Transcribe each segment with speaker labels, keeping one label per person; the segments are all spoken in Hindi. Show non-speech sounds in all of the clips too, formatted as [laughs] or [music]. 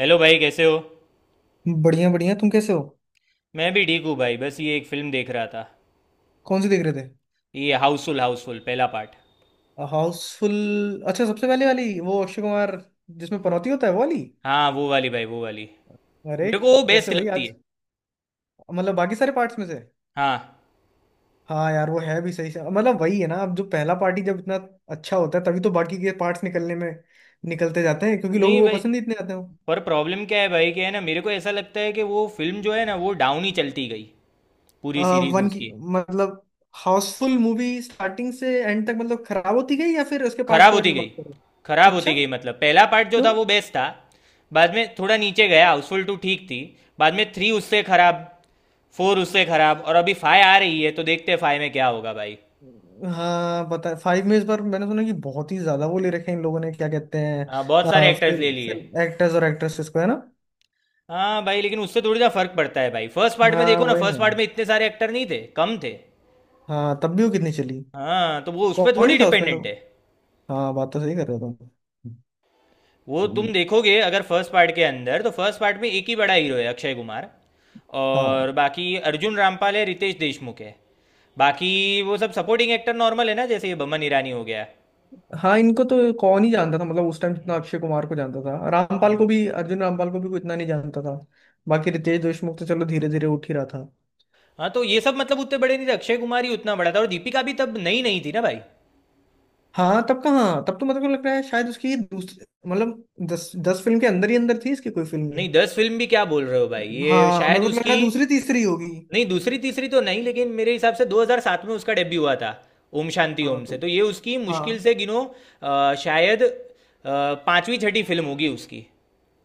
Speaker 1: हेलो भाई कैसे हो।
Speaker 2: बढ़िया बढ़िया। तुम कैसे हो।
Speaker 1: मैं भी ठीक हूँ भाई, बस ये एक फिल्म देख रहा था।
Speaker 2: कौन सी देख रहे थे।
Speaker 1: ये हाउसफुल, हाउसफुल पहला पार्ट।
Speaker 2: हाउसफुल। अच्छा सबसे पहले वाली, वो अक्षय कुमार जिसमें पनौती होता है, वो वाली।
Speaker 1: हाँ वो वाली भाई, वो वाली।
Speaker 2: अरे
Speaker 1: मेरे को वो बेस्ट
Speaker 2: कैसे भाई
Speaker 1: लगती
Speaker 2: आज,
Speaker 1: है।
Speaker 2: बाकी सारे पार्ट्स में से।
Speaker 1: हाँ।
Speaker 2: हाँ यार वो है भी सही से। वही है ना, अब जो पहला पार्टी जब इतना अच्छा होता है तभी तो बाकी के पार्ट्स निकलने में, निकलते जाते हैं क्योंकि
Speaker 1: नहीं
Speaker 2: लोगों को
Speaker 1: भाई,
Speaker 2: पसंद ही इतने आते हो।
Speaker 1: पर प्रॉब्लम क्या है भाई कि है ना, मेरे को ऐसा लगता है कि वो फिल्म जो है ना, वो डाउन ही चलती गई पूरी सीरीज
Speaker 2: वन की,
Speaker 1: उसकी।
Speaker 2: मतलब हाउसफुल मूवी स्टार्टिंग से एंड तक खराब होती गई, या फिर उसके पार्ट्स
Speaker 1: खराब
Speaker 2: के बारे
Speaker 1: होती
Speaker 2: में बात
Speaker 1: गई।
Speaker 2: करो।
Speaker 1: खराब
Speaker 2: अच्छा,
Speaker 1: होती गई मतलब पहला पार्ट जो
Speaker 2: क्यों।
Speaker 1: था वो बेस्ट था। बाद में थोड़ा नीचे गया, हाउसफुल टू ठीक थी। बाद में थ्री उससे खराब, फोर उससे खराब, और अभी फाइव आ रही है तो देखते हैं फाइव में क्या होगा भाई।
Speaker 2: हाँ बता, फाइव में इस बार मैंने सुना कि बहुत ही ज्यादा वो ले रखे हैं इन लोगों ने, क्या कहते हैं।
Speaker 1: हाँ बहुत सारे एक्टर्स ले
Speaker 2: फिल्म
Speaker 1: लिए।
Speaker 2: फिल्म एक्टर्स और एक्ट्रेसेस को, है ना।
Speaker 1: हाँ भाई, लेकिन उससे थोड़ी सा फर्क पड़ता है भाई। फर्स्ट पार्ट में
Speaker 2: हाँ
Speaker 1: देखो ना,
Speaker 2: वही ना।
Speaker 1: फर्स्ट पार्ट में इतने सारे एक्टर नहीं थे, कम थे।
Speaker 2: हाँ तब भी वो कितनी चली।
Speaker 1: हाँ तो वो उस पर
Speaker 2: कौन ही
Speaker 1: थोड़ी
Speaker 2: था उसमें तो।
Speaker 1: डिपेंडेंट है।
Speaker 2: हाँ बात तो सही कर रहे हो
Speaker 1: वो तुम
Speaker 2: तुम।
Speaker 1: देखोगे अगर फर्स्ट पार्ट के अंदर, तो फर्स्ट पार्ट में एक ही बड़ा हीरो है अक्षय कुमार,
Speaker 2: हाँ।
Speaker 1: और बाकी अर्जुन रामपाल है, रितेश देशमुख है। बाकी वो सब सपोर्टिंग एक्टर नॉर्मल है ना, जैसे ये बमन ईरानी हो गया।
Speaker 2: हाँ इनको तो कौन ही जानता था, उस टाइम जितना
Speaker 1: हम्म।
Speaker 2: अक्षय कुमार को जानता था, रामपाल
Speaker 1: हाँ।
Speaker 2: को भी, अर्जुन रामपाल को भी कोई इतना नहीं जानता था। बाकी रितेश देशमुख तो चलो धीरे धीरे उठ ही रहा था।
Speaker 1: हाँ, तो ये सब मतलब उतने बड़े नहीं थे, अक्षय कुमार ही उतना बड़ा था, और दीपिका भी तब नई नहीं थी ना भाई।
Speaker 2: हाँ तब कहाँ, तब तो लगता है शायद उसकी दूसरी, मतलब दस दस फिल्म के अंदर ही अंदर थी इसकी कोई फिल्म।
Speaker 1: नहीं, दस फिल्म भी क्या बोल रहे हो भाई, ये
Speaker 2: हाँ मेरे
Speaker 1: शायद
Speaker 2: को तो लग
Speaker 1: उसकी,
Speaker 2: रहा है दूसरी तीसरी होगी।
Speaker 1: नहीं दूसरी तीसरी तो नहीं, लेकिन मेरे हिसाब से 2007 में उसका डेब्यू हुआ था ओम शांति
Speaker 2: हाँ
Speaker 1: ओम
Speaker 2: तो।
Speaker 1: से, तो ये उसकी मुश्किल
Speaker 2: हाँ
Speaker 1: से गिनो, शायद पांचवी छठी फिल्म होगी उसकी।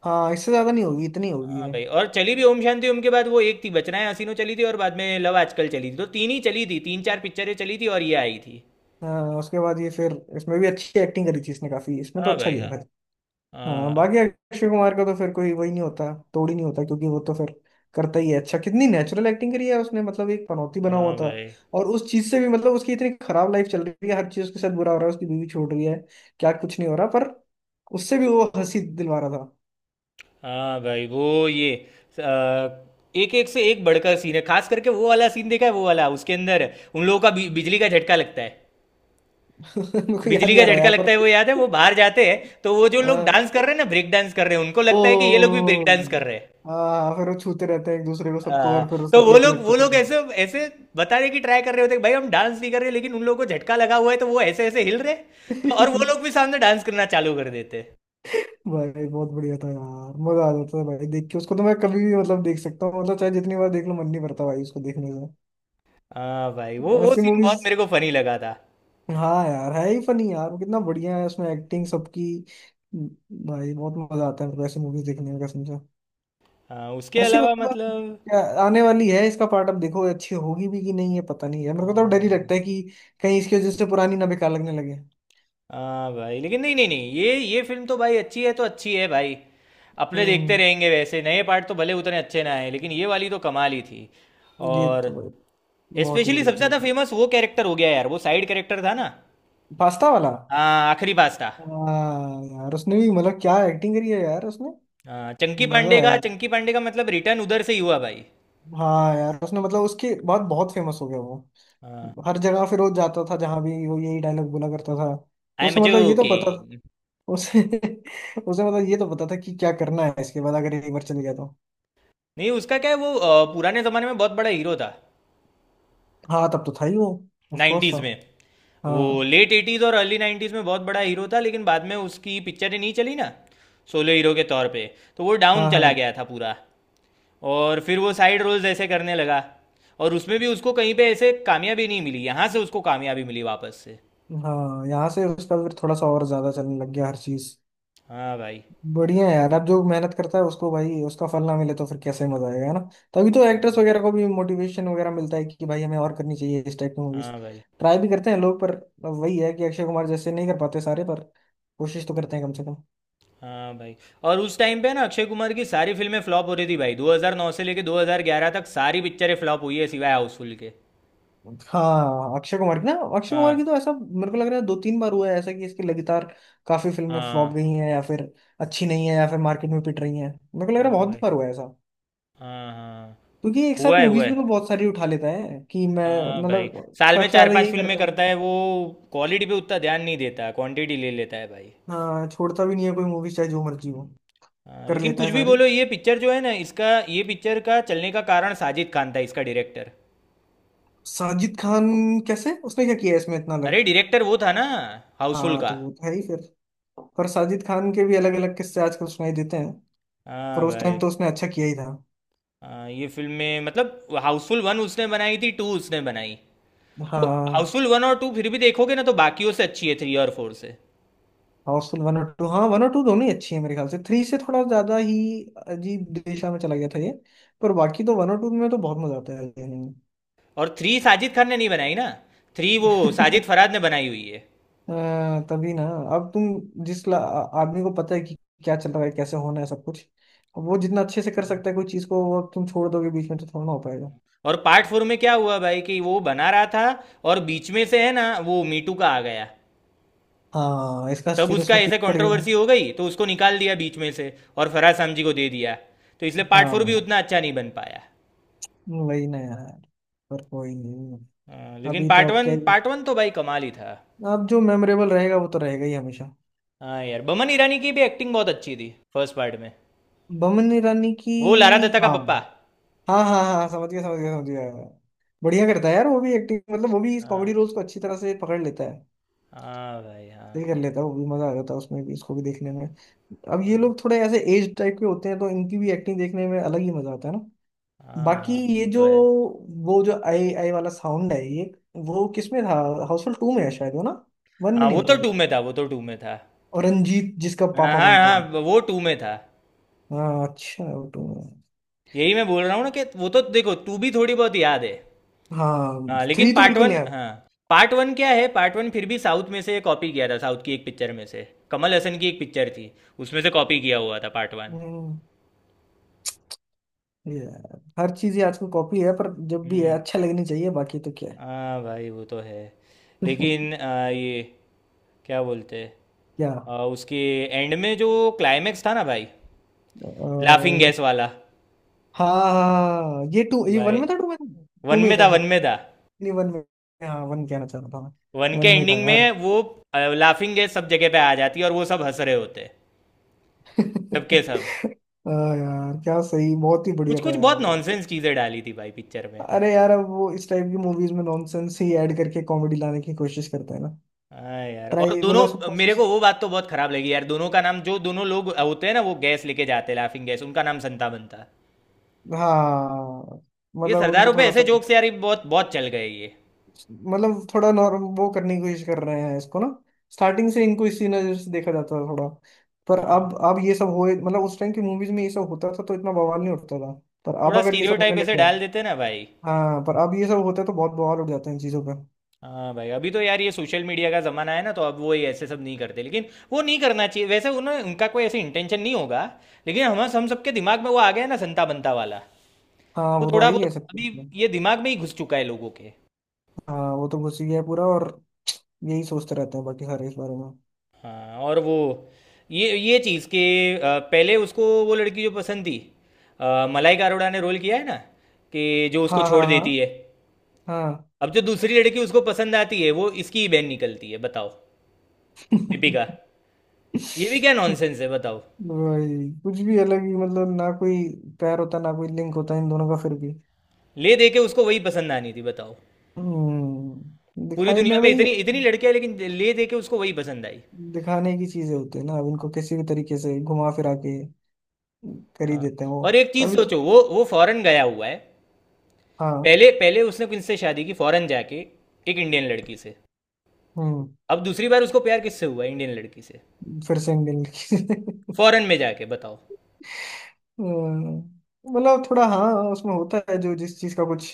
Speaker 2: हाँ इससे ज्यादा नहीं होगी, इतनी होगी
Speaker 1: हाँ
Speaker 2: है।
Speaker 1: भाई, और चली भी ओम शांति ओम के बाद वो एक थी बचनाएं हसीनो चली थी, और बाद में लव आजकल चली थी, तो तीन ही चली थी, तीन चार पिक्चरें चली थी और ये आई थी।
Speaker 2: हाँ उसके बाद ये फिर इसमें भी अच्छी एक्टिंग करी थी इसने, काफी इसमें तो
Speaker 1: हाँ
Speaker 2: अच्छा
Speaker 1: भाई
Speaker 2: किया
Speaker 1: हाँ।
Speaker 2: था।
Speaker 1: हाँ
Speaker 2: हाँ
Speaker 1: भाई।
Speaker 2: बाकी अक्षय कुमार का तो फिर कोई वही नहीं होता, तोड़ ही नहीं होता क्योंकि वो तो फिर करता ही है अच्छा। कितनी नेचुरल एक्टिंग करी है उसने, एक पनौती बना हुआ
Speaker 1: हाँ
Speaker 2: था,
Speaker 1: भाई।
Speaker 2: और उस चीज से भी उसकी इतनी खराब लाइफ चल रही है, हर चीज उसके साथ बुरा हो रहा है, उसकी बीवी छोड़ रही है, क्या कुछ नहीं हो रहा, पर उससे भी वो हंसी दिलवा रहा था।
Speaker 1: हाँ भाई वो ये, आ, एक एक से एक बढ़कर सीन है, खास करके वो वाला सीन देखा है, वो वाला उसके अंदर, उन लोगों का बिजली का झटका लगता है।
Speaker 2: [laughs] मेरे को याद
Speaker 1: बिजली
Speaker 2: नहीं
Speaker 1: का
Speaker 2: आ रहा
Speaker 1: झटका
Speaker 2: यार पर।
Speaker 1: लगता है वो याद है, वो बाहर जाते हैं
Speaker 2: [laughs]
Speaker 1: तो वो जो लोग
Speaker 2: हाँ।
Speaker 1: डांस कर रहे हैं ना, ब्रेक डांस कर रहे हैं, उनको
Speaker 2: ओ।
Speaker 1: लगता है कि ये लोग भी ब्रेक डांस कर रहे हैं।
Speaker 2: हाँ फिर वो छूते रहते हैं एक दूसरे को, सबको,
Speaker 1: आ,
Speaker 2: और फिर
Speaker 1: तो
Speaker 2: सबको
Speaker 1: वो
Speaker 2: ये
Speaker 1: लोग
Speaker 2: लगता
Speaker 1: वो
Speaker 2: था
Speaker 1: लोग
Speaker 2: यार।
Speaker 1: ऐसे ऐसे बताने की ट्राई कर रहे होते हैं कि भाई हम डांस नहीं कर रहे, लेकिन उन लोगों को झटका लगा हुआ है तो वो ऐसे ऐसे हिल रहे हैं। तो और वो लोग
Speaker 2: [laughs]
Speaker 1: भी सामने डांस करना चालू कर देते हैं।
Speaker 2: भाई बहुत बढ़िया था यार, मजा आ जाता था भाई देख के उसको। तो मैं कभी भी देख सकता हूँ, चाहे जितनी बार देख लो मन नहीं भरता भाई उसको देखने
Speaker 1: हाँ भाई,
Speaker 2: से,
Speaker 1: वो
Speaker 2: ऐसी
Speaker 1: सीन बहुत
Speaker 2: मूवीज।
Speaker 1: मेरे को फनी लगा था।
Speaker 2: हाँ यार है ही फनी यार, कितना बढ़िया है उसमें एक्टिंग सबकी। भाई बहुत मजा आता है मेरे को ऐसी मूवीज देखने में कसम से।
Speaker 1: हाँ, उसके
Speaker 2: ऐसी
Speaker 1: अलावा मतलब।
Speaker 2: क्या आने वाली है इसका पार्ट अब, देखो अच्छी होगी भी कि नहीं है पता नहीं है। मेरे को तो अब डर ही
Speaker 1: हाँ,
Speaker 2: लगता है कि कहीं इसकी वजह से पुरानी ना बेकार लगने लगे।
Speaker 1: हाँ भाई, लेकिन नहीं नहीं नहीं ये ये फिल्म तो भाई अच्छी है तो अच्छी है भाई। अपने देखते
Speaker 2: हम्म।
Speaker 1: रहेंगे, वैसे नए पार्ट तो भले उतने अच्छे ना आए, लेकिन ये वाली तो कमाल ही थी।
Speaker 2: ये
Speaker 1: और
Speaker 2: तो भाई बहुत ही
Speaker 1: स्पेशली
Speaker 2: बढ़िया
Speaker 1: सबसे
Speaker 2: थी।
Speaker 1: ज़्यादा फेमस वो कैरेक्टर हो गया यार, वो साइड कैरेक्टर था ना।
Speaker 2: पास्ता वाला।
Speaker 1: हाँ आखिरी पास था।
Speaker 2: हाँ यार उसने भी क्या एक्टिंग करी है यार उसने।
Speaker 1: हाँ, चंकी
Speaker 2: मजा
Speaker 1: पांडे का,
Speaker 2: है।
Speaker 1: चंकी पांडे का मतलब रिटर्न उधर से ही हुआ भाई।
Speaker 2: हाँ यार उसने उसके बाद बहुत फेमस हो गया वो।
Speaker 1: हाँ।
Speaker 2: हर जगह फिर वो जाता था, जहां भी वो यही डायलॉग बोला करता था।
Speaker 1: आई एम
Speaker 2: उसे मतलब ये तो पता
Speaker 1: जोकिंग।
Speaker 2: उसे [laughs] उसे ये तो पता था कि क्या करना है इसके बाद, अगर एक बार चले गया तो।
Speaker 1: नहीं उसका क्या है, वो पुराने ज़माने में बहुत बड़ा हीरो था,
Speaker 2: हाँ तब तो था ही वो, ऑफ कोर्स
Speaker 1: नाइन्टीज़
Speaker 2: था।
Speaker 1: में। वो
Speaker 2: हाँ
Speaker 1: लेट एटीज़ और अर्ली नाइन्टीज़ में बहुत बड़ा हीरो था, लेकिन बाद में उसकी पिक्चरें नहीं चली ना सोलो हीरो के तौर पे। तो वो डाउन
Speaker 2: हाँ
Speaker 1: चला
Speaker 2: हाँ।
Speaker 1: गया था पूरा। और फिर वो साइड रोल्स ऐसे करने लगा, और उसमें भी उसको कहीं पे ऐसे कामयाबी नहीं मिली, यहाँ से उसको कामयाबी मिली वापस से।
Speaker 2: हाँ यहाँ से उसका फिर थोड़ा सा और ज्यादा चलने लग गया हर चीज।
Speaker 1: हाँ भाई।
Speaker 2: बढ़िया है यार, अब जो मेहनत करता है उसको भाई उसका फल ना मिले तो फिर कैसे मजा आएगा, है ना। तभी तो
Speaker 1: हाँ
Speaker 2: एक्टर्स
Speaker 1: भाई।
Speaker 2: वगैरह को भी मोटिवेशन वगैरह मिलता है कि भाई हमें और करनी चाहिए इस टाइप की मूवीज।
Speaker 1: हाँ भाई।
Speaker 2: ट्राई भी करते हैं लोग, पर अब वही है कि अक्षय कुमार जैसे नहीं कर पाते सारे, पर कोशिश तो करते हैं कम से कम।
Speaker 1: हाँ भाई, और उस टाइम पे ना अक्षय कुमार की सारी फिल्में फ्लॉप हो रही थी भाई, 2009 से लेके 2011 तक सारी पिक्चरें फ्लॉप हुई है सिवाय हाउसफुल के।
Speaker 2: हाँ अक्षय कुमार की ना, अक्षय कुमार
Speaker 1: हाँ।
Speaker 2: की तो ऐसा मेरे को लग रहा है दो तीन बार हुआ है ऐसा कि इसकी लगातार काफी फिल्में फ्लॉप
Speaker 1: हाँ।
Speaker 2: गई हैं, या फिर अच्छी नहीं है, या फिर मार्केट में पिट रही हैं। मेरे को लग रहा
Speaker 1: हाँ
Speaker 2: है बहुत
Speaker 1: भाई।
Speaker 2: बार हुआ है ऐसा,
Speaker 1: हाँ हाँ।
Speaker 2: क्योंकि एक
Speaker 1: हुआ
Speaker 2: साथ
Speaker 1: है, हुआ
Speaker 2: मूवीज भी तो
Speaker 1: है।
Speaker 2: बहुत सारी उठा लेता है कि मैं,
Speaker 1: हाँ भाई। साल में
Speaker 2: सबसे
Speaker 1: चार
Speaker 2: ज्यादा
Speaker 1: पांच
Speaker 2: यही
Speaker 1: फिल्में
Speaker 2: करता है।
Speaker 1: करता है वो। क्वालिटी पे उतना ध्यान नहीं देता, क्वांटिटी ले लेता है भाई।
Speaker 2: हाँ छोड़ता भी नहीं है कोई मूवी, चाहे जो मर्जी हो
Speaker 1: हाँ,
Speaker 2: कर
Speaker 1: लेकिन
Speaker 2: लेता
Speaker 1: कुछ
Speaker 2: है
Speaker 1: भी
Speaker 2: सारी।
Speaker 1: बोलो, ये पिक्चर जो है ना, इसका, ये पिक्चर का चलने का कारण साजिद खान था, इसका डायरेक्टर।
Speaker 2: साजिद खान, कैसे उसने क्या किया है इसमें इतना अलग।
Speaker 1: अरे डायरेक्टर वो था ना हाउसफुल
Speaker 2: हाँ
Speaker 1: का।
Speaker 2: तो वो तो है ही फिर, पर साजिद खान के भी अलग अलग किस्से आजकल सुनाई देते हैं। पर
Speaker 1: हाँ
Speaker 2: उस टाइम
Speaker 1: भाई,
Speaker 2: तो उसने अच्छा किया ही था।
Speaker 1: हाँ ये फिल्म में मतलब हाउसफुल वन उसने बनाई थी, टू उसने बनाई, तो
Speaker 2: हाँ
Speaker 1: हाउसफुल वन और टू फिर भी देखोगे ना तो बाकियों से अच्छी है, थ्री और फोर से।
Speaker 2: हाउसफुल वन और टू, हाँ वन और टू दोनों ही अच्छी है मेरे ख्याल से। थ्री से थोड़ा ज्यादा ही अजीब दिशा में चला गया था ये। पर बाकी तो वन और टू में तो बहुत मजा आता है देखने
Speaker 1: और थ्री साजिद खान ने नहीं बनाई ना, थ्री वो
Speaker 2: में।
Speaker 1: साजिद
Speaker 2: [laughs]
Speaker 1: फरहाद ने बनाई हुई है।
Speaker 2: हाँ, तभी ना। अब तुम जिस आदमी को पता है कि क्या चल रहा है, कैसे होना है सब कुछ, अब वो जितना अच्छे से कर सकता है कोई चीज को, वो अब तुम छोड़ दोगे बीच में तो थोड़ा ना हो पाएगा।
Speaker 1: और पार्ट फोर में क्या हुआ भाई कि वो बना रहा था, और बीच में से है ना वो मीटू का आ गया।
Speaker 2: हाँ इसका
Speaker 1: तब
Speaker 2: फिर
Speaker 1: उसका
Speaker 2: उसमें
Speaker 1: ऐसे
Speaker 2: कीच पड़ गया
Speaker 1: कंट्रोवर्सी
Speaker 2: है।
Speaker 1: हो गई तो उसको निकाल दिया बीच में से, और फराज सामजी को दे दिया। तो इसलिए पार्ट फोर भी
Speaker 2: हाँ
Speaker 1: उतना अच्छा नहीं बन पाया।
Speaker 2: वही ना यार, पर कोई नहीं।
Speaker 1: हाँ, लेकिन
Speaker 2: अभी तो
Speaker 1: पार्ट
Speaker 2: अब क्या
Speaker 1: वन
Speaker 2: ही
Speaker 1: पार्ट वन तो भाई कमाल ही था।
Speaker 2: अब जो मेमोरेबल रहेगा वो तो रहेगा ही हमेशा।
Speaker 1: हाँ यार, बमन ईरानी की भी एक्टिंग बहुत अच्छी थी फर्स्ट पार्ट में।
Speaker 2: बमन ईरानी की।
Speaker 1: वो लारा दत्ता का
Speaker 2: हाँ
Speaker 1: पप्पा।
Speaker 2: हाँ हाँ, हाँ समझ गया समझ गया समझ गया। बढ़िया करता है यार वो भी एक्टिंग, वो भी इस कॉमेडी
Speaker 1: हाँ।
Speaker 2: रोल्स को अच्छी तरह से पकड़ लेता है।
Speaker 1: हाँ भाई हाँ।
Speaker 2: ये कर लेता, वो भी मजा आ जाता है उसमें भी, इसको भी देखने में। अब ये लोग थोड़े ऐसे एज टाइप के होते हैं, तो इनकी भी एक्टिंग देखने में अलग ही मजा आता है ना।
Speaker 1: हाँ हाँ
Speaker 2: बाकी
Speaker 1: हाँ।
Speaker 2: ये
Speaker 1: वो तो
Speaker 2: जो,
Speaker 1: है।
Speaker 2: वो जो आई आई वाला साउंड है ये, वो किसमें था। हाउसफुल टू में है शायद वो ना, वन में
Speaker 1: हाँ
Speaker 2: नहीं
Speaker 1: वो तो
Speaker 2: होता
Speaker 1: टू
Speaker 2: शायद।
Speaker 1: में था, वो तो टू में था।
Speaker 2: और रंजीत जिसका
Speaker 1: हाँ
Speaker 2: पापा
Speaker 1: हाँ
Speaker 2: बनता है।
Speaker 1: हाँ, वो टू में था।
Speaker 2: हाँ अच्छा वो टू में।
Speaker 1: यही मैं बोल रहा हूँ ना कि वो तो देखो, तू भी थोड़ी बहुत याद है।
Speaker 2: हाँ
Speaker 1: हाँ लेकिन
Speaker 2: थ्री तो
Speaker 1: पार्ट
Speaker 2: बिल्कुल
Speaker 1: वन,
Speaker 2: नहीं आया।
Speaker 1: हाँ पार्ट वन क्या है, पार्ट वन फिर भी साउथ में से कॉपी किया था, साउथ की एक पिक्चर में से। कमल हसन की एक पिक्चर थी, उसमें से कॉपी किया हुआ था पार्ट वन।
Speaker 2: हम्म, ये हर चीज ही आजकल कॉपी है, पर जब भी है
Speaker 1: हम्म।
Speaker 2: अच्छा लगनी चाहिए, बाकी तो क्या
Speaker 1: हाँ भाई वो तो है।
Speaker 2: है। [laughs]
Speaker 1: लेकिन ये क्या बोलते हैं, उसके एंड में जो क्लाइमेक्स था ना भाई, लाफिंग
Speaker 2: क्या,
Speaker 1: गैस वाला।
Speaker 2: हाँ हाँ हाँ, हाँ, ये टू, ये वन
Speaker 1: भाई
Speaker 2: में था, टू में था, टू
Speaker 1: वन
Speaker 2: में ही
Speaker 1: में था,
Speaker 2: था
Speaker 1: वन
Speaker 2: शायद,
Speaker 1: में था।
Speaker 2: नहीं वन में, हाँ वन कहना चाह रहा था
Speaker 1: वन
Speaker 2: मैं,
Speaker 1: के
Speaker 2: वन में ही था
Speaker 1: एंडिंग
Speaker 2: यार।
Speaker 1: में वो लाफिंग गैस सब जगह पे आ जाती है और वो सब हंस रहे होते हैं, सबके सब।
Speaker 2: [laughs] हाँ यार क्या सही, बहुत ही
Speaker 1: कुछ
Speaker 2: बढ़िया था
Speaker 1: कुछ
Speaker 2: यार
Speaker 1: बहुत
Speaker 2: वो।
Speaker 1: नॉनसेंस चीज़ें डाली थी भाई पिक्चर में।
Speaker 2: अरे यार अब वो इस टाइप की मूवीज में नॉनसेंस ही ऐड करके कॉमेडी लाने की कोशिश करते हैं ना।
Speaker 1: हाँ यार, और
Speaker 2: ट्राई सब
Speaker 1: दोनों, मेरे
Speaker 2: कोशिश।
Speaker 1: को वो बात तो बहुत खराब लगी यार, दोनों का नाम, जो दोनों लोग होते हैं ना वो गैस लेके जाते हैं लाफिंग गैस, उनका नाम संता बनता है।
Speaker 2: हाँ
Speaker 1: ये
Speaker 2: उनको
Speaker 1: सरदारों पे
Speaker 2: थोड़ा
Speaker 1: ऐसे
Speaker 2: सा,
Speaker 1: जोक्स यार, ये बहुत बहुत चल गए ये।
Speaker 2: थोड़ा नॉर्म वो करने की कोशिश कर रहे हैं इसको ना। स्टार्टिंग से इनको इसी नजर से देखा जाता था थोड़ा, पर
Speaker 1: हाँ,
Speaker 2: अब ये सब हो, उस टाइम की मूवीज में ये सब होता था तो इतना बवाल नहीं उठता था, पर अब
Speaker 1: थोड़ा
Speaker 2: अगर ये सब होने
Speaker 1: स्टीरियोटाइप
Speaker 2: लग
Speaker 1: ऐसे
Speaker 2: गया।
Speaker 1: डाल देते ना भाई।
Speaker 2: हाँ पर अब ये सब होता है तो बहुत बवाल उठ जाते हैं इन चीजों पे।
Speaker 1: हाँ भाई, अभी तो यार ये सोशल मीडिया का ज़माना है ना, तो अब वो ये ऐसे सब नहीं करते, लेकिन वो नहीं करना चाहिए, वैसे उन्हें उनका कोई ऐसे इंटेंशन नहीं होगा, लेकिन हम सबके दिमाग में वो आ गया है ना, संता बनता वाला।
Speaker 2: हाँ
Speaker 1: तो
Speaker 2: वो तो आ
Speaker 1: थोड़ा
Speaker 2: ही गया
Speaker 1: बहुत
Speaker 2: सब कुछ
Speaker 1: अभी
Speaker 2: में।
Speaker 1: ये दिमाग में ही घुस चुका है लोगों के।
Speaker 2: हाँ वो तो घुस ही गया पूरा, और यही सोचते रहते हैं बाकी सारे इस बारे में।
Speaker 1: हाँ, और वो ये चीज़ कि पहले उसको वो लड़की जो पसंद थी, मलाइका अरोड़ा ने रोल किया है ना, कि जो उसको
Speaker 2: हाँ
Speaker 1: छोड़
Speaker 2: हाँ हाँ।
Speaker 1: देती है,
Speaker 2: हाँ
Speaker 1: अब जो दूसरी लड़की उसको पसंद आती है वो इसकी ही बहन निकलती है, बताओ, दीपिका। ये भी
Speaker 2: [laughs]
Speaker 1: क्या नॉनसेंस है बताओ।
Speaker 2: भाई कुछ भी अलग ही ना कोई पैर होता, ना कोई लिंक होता इन दोनों का फिर भी।
Speaker 1: ले दे के उसको वही पसंद आनी थी बताओ, पूरी
Speaker 2: दिखाने
Speaker 1: दुनिया में
Speaker 2: भाई,
Speaker 1: इतनी इतनी लड़कियां, लेकिन ले दे के उसको वही पसंद आई।
Speaker 2: दिखाने की चीजें होती है ना। अब इनको किसी भी तरीके से घुमा फिरा के कर ही
Speaker 1: हाँ,
Speaker 2: देते हैं वो।
Speaker 1: और एक चीज़
Speaker 2: तभी तो-
Speaker 1: सोचो, वो फॉरेन गया हुआ है,
Speaker 2: हाँ।
Speaker 1: पहले पहले उसने किनसे शादी की फॉरेन जाके, एक इंडियन लड़की से।
Speaker 2: हम्म
Speaker 1: अब दूसरी बार उसको प्यार किससे हुआ, इंडियन लड़की से,
Speaker 2: फिर से मिल। [laughs]
Speaker 1: फॉरेन में जाके, बताओ।
Speaker 2: थोड़ा हाँ उसमें होता है जो, जिस चीज का कुछ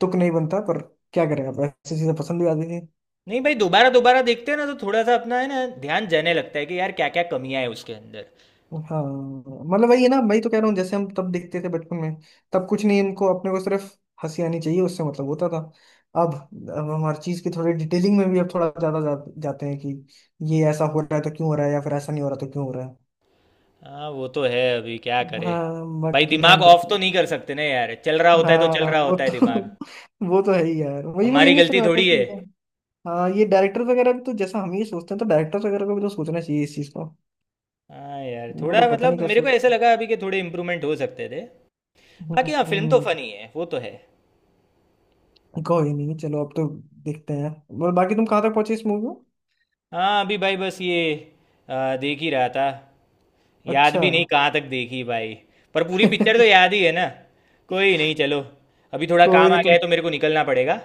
Speaker 2: तुक नहीं बनता, पर क्या करें, अब ऐसी चीजें पसंद भी आती।
Speaker 1: नहीं भाई, दोबारा दोबारा देखते हैं ना तो थोड़ा सा अपना है ना ध्यान जाने लगता है कि यार क्या क्या कमियां हैं उसके अंदर।
Speaker 2: हाँ वही है ना, वही तो कह रहा हूँ। जैसे हम तब देखते थे बचपन में, तब कुछ नहीं, इनको अपने को सिर्फ हंसी आनी चाहिए, उससे मतलब होता था। अब अब हम हर चीज की थोड़ी डिटेलिंग में भी अब थोड़ा ज्यादा जाते हैं कि ये ऐसा हो रहा है तो क्यों हो रहा है, या फिर ऐसा नहीं हो रहा तो क्यों हो रहा है।
Speaker 1: हाँ वो तो है, अभी क्या करे
Speaker 2: हाँ
Speaker 1: भाई,
Speaker 2: बाकी
Speaker 1: दिमाग
Speaker 2: ध्यान तो
Speaker 1: ऑफ तो
Speaker 2: रखना।
Speaker 1: नहीं कर सकते ना यार, चल रहा होता है तो चल
Speaker 2: हाँ
Speaker 1: रहा
Speaker 2: वो
Speaker 1: होता है
Speaker 2: तो
Speaker 1: दिमाग,
Speaker 2: [laughs] वो तो है ही यार। वही मैं, ये
Speaker 1: हमारी
Speaker 2: नहीं
Speaker 1: गलती
Speaker 2: सुना था
Speaker 1: थोड़ी है।
Speaker 2: कि। हाँ ये डायरेक्टर वगैरह भी तो, जैसा हम ये सोचते हैं, तो डायरेक्टर वगैरह को भी तो सोचना चाहिए इस चीज को।
Speaker 1: हाँ यार,
Speaker 2: वो
Speaker 1: थोड़ा
Speaker 2: लोग पता नहीं
Speaker 1: मतलब
Speaker 2: क्या
Speaker 1: मेरे को ऐसा
Speaker 2: सोचते हैं।
Speaker 1: लगा अभी कि थोड़े इम्प्रूवमेंट हो सकते थे। बाकी हाँ, फिल्म तो
Speaker 2: हम्म,
Speaker 1: फनी है, वो तो है।
Speaker 2: कोई नहीं चलो, अब तो देखते हैं। और बाकी तुम कहाँ तक पहुंचे इस मूवी में।
Speaker 1: हाँ अभी भाई बस ये, देख ही रहा था, याद
Speaker 2: अच्छा।
Speaker 1: भी नहीं कहाँ तक देखी भाई, पर पूरी पिक्चर तो
Speaker 2: [laughs]
Speaker 1: याद ही है ना। कोई नहीं चलो, अभी थोड़ा
Speaker 2: कोई
Speaker 1: काम आ
Speaker 2: नहीं
Speaker 1: गया
Speaker 2: तुम,
Speaker 1: है तो मेरे को निकलना पड़ेगा,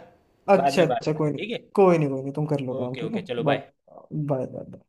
Speaker 1: बाद
Speaker 2: अच्छा
Speaker 1: में बात
Speaker 2: अच्छा
Speaker 1: करते
Speaker 2: कोई
Speaker 1: हैं,
Speaker 2: नहीं।
Speaker 1: ठीक है।
Speaker 2: कोई नहीं कोई नहीं तुम कर लो काम,
Speaker 1: ओके
Speaker 2: ठीक
Speaker 1: ओके,
Speaker 2: है।
Speaker 1: चलो
Speaker 2: बट,
Speaker 1: बाय।
Speaker 2: Bye bye.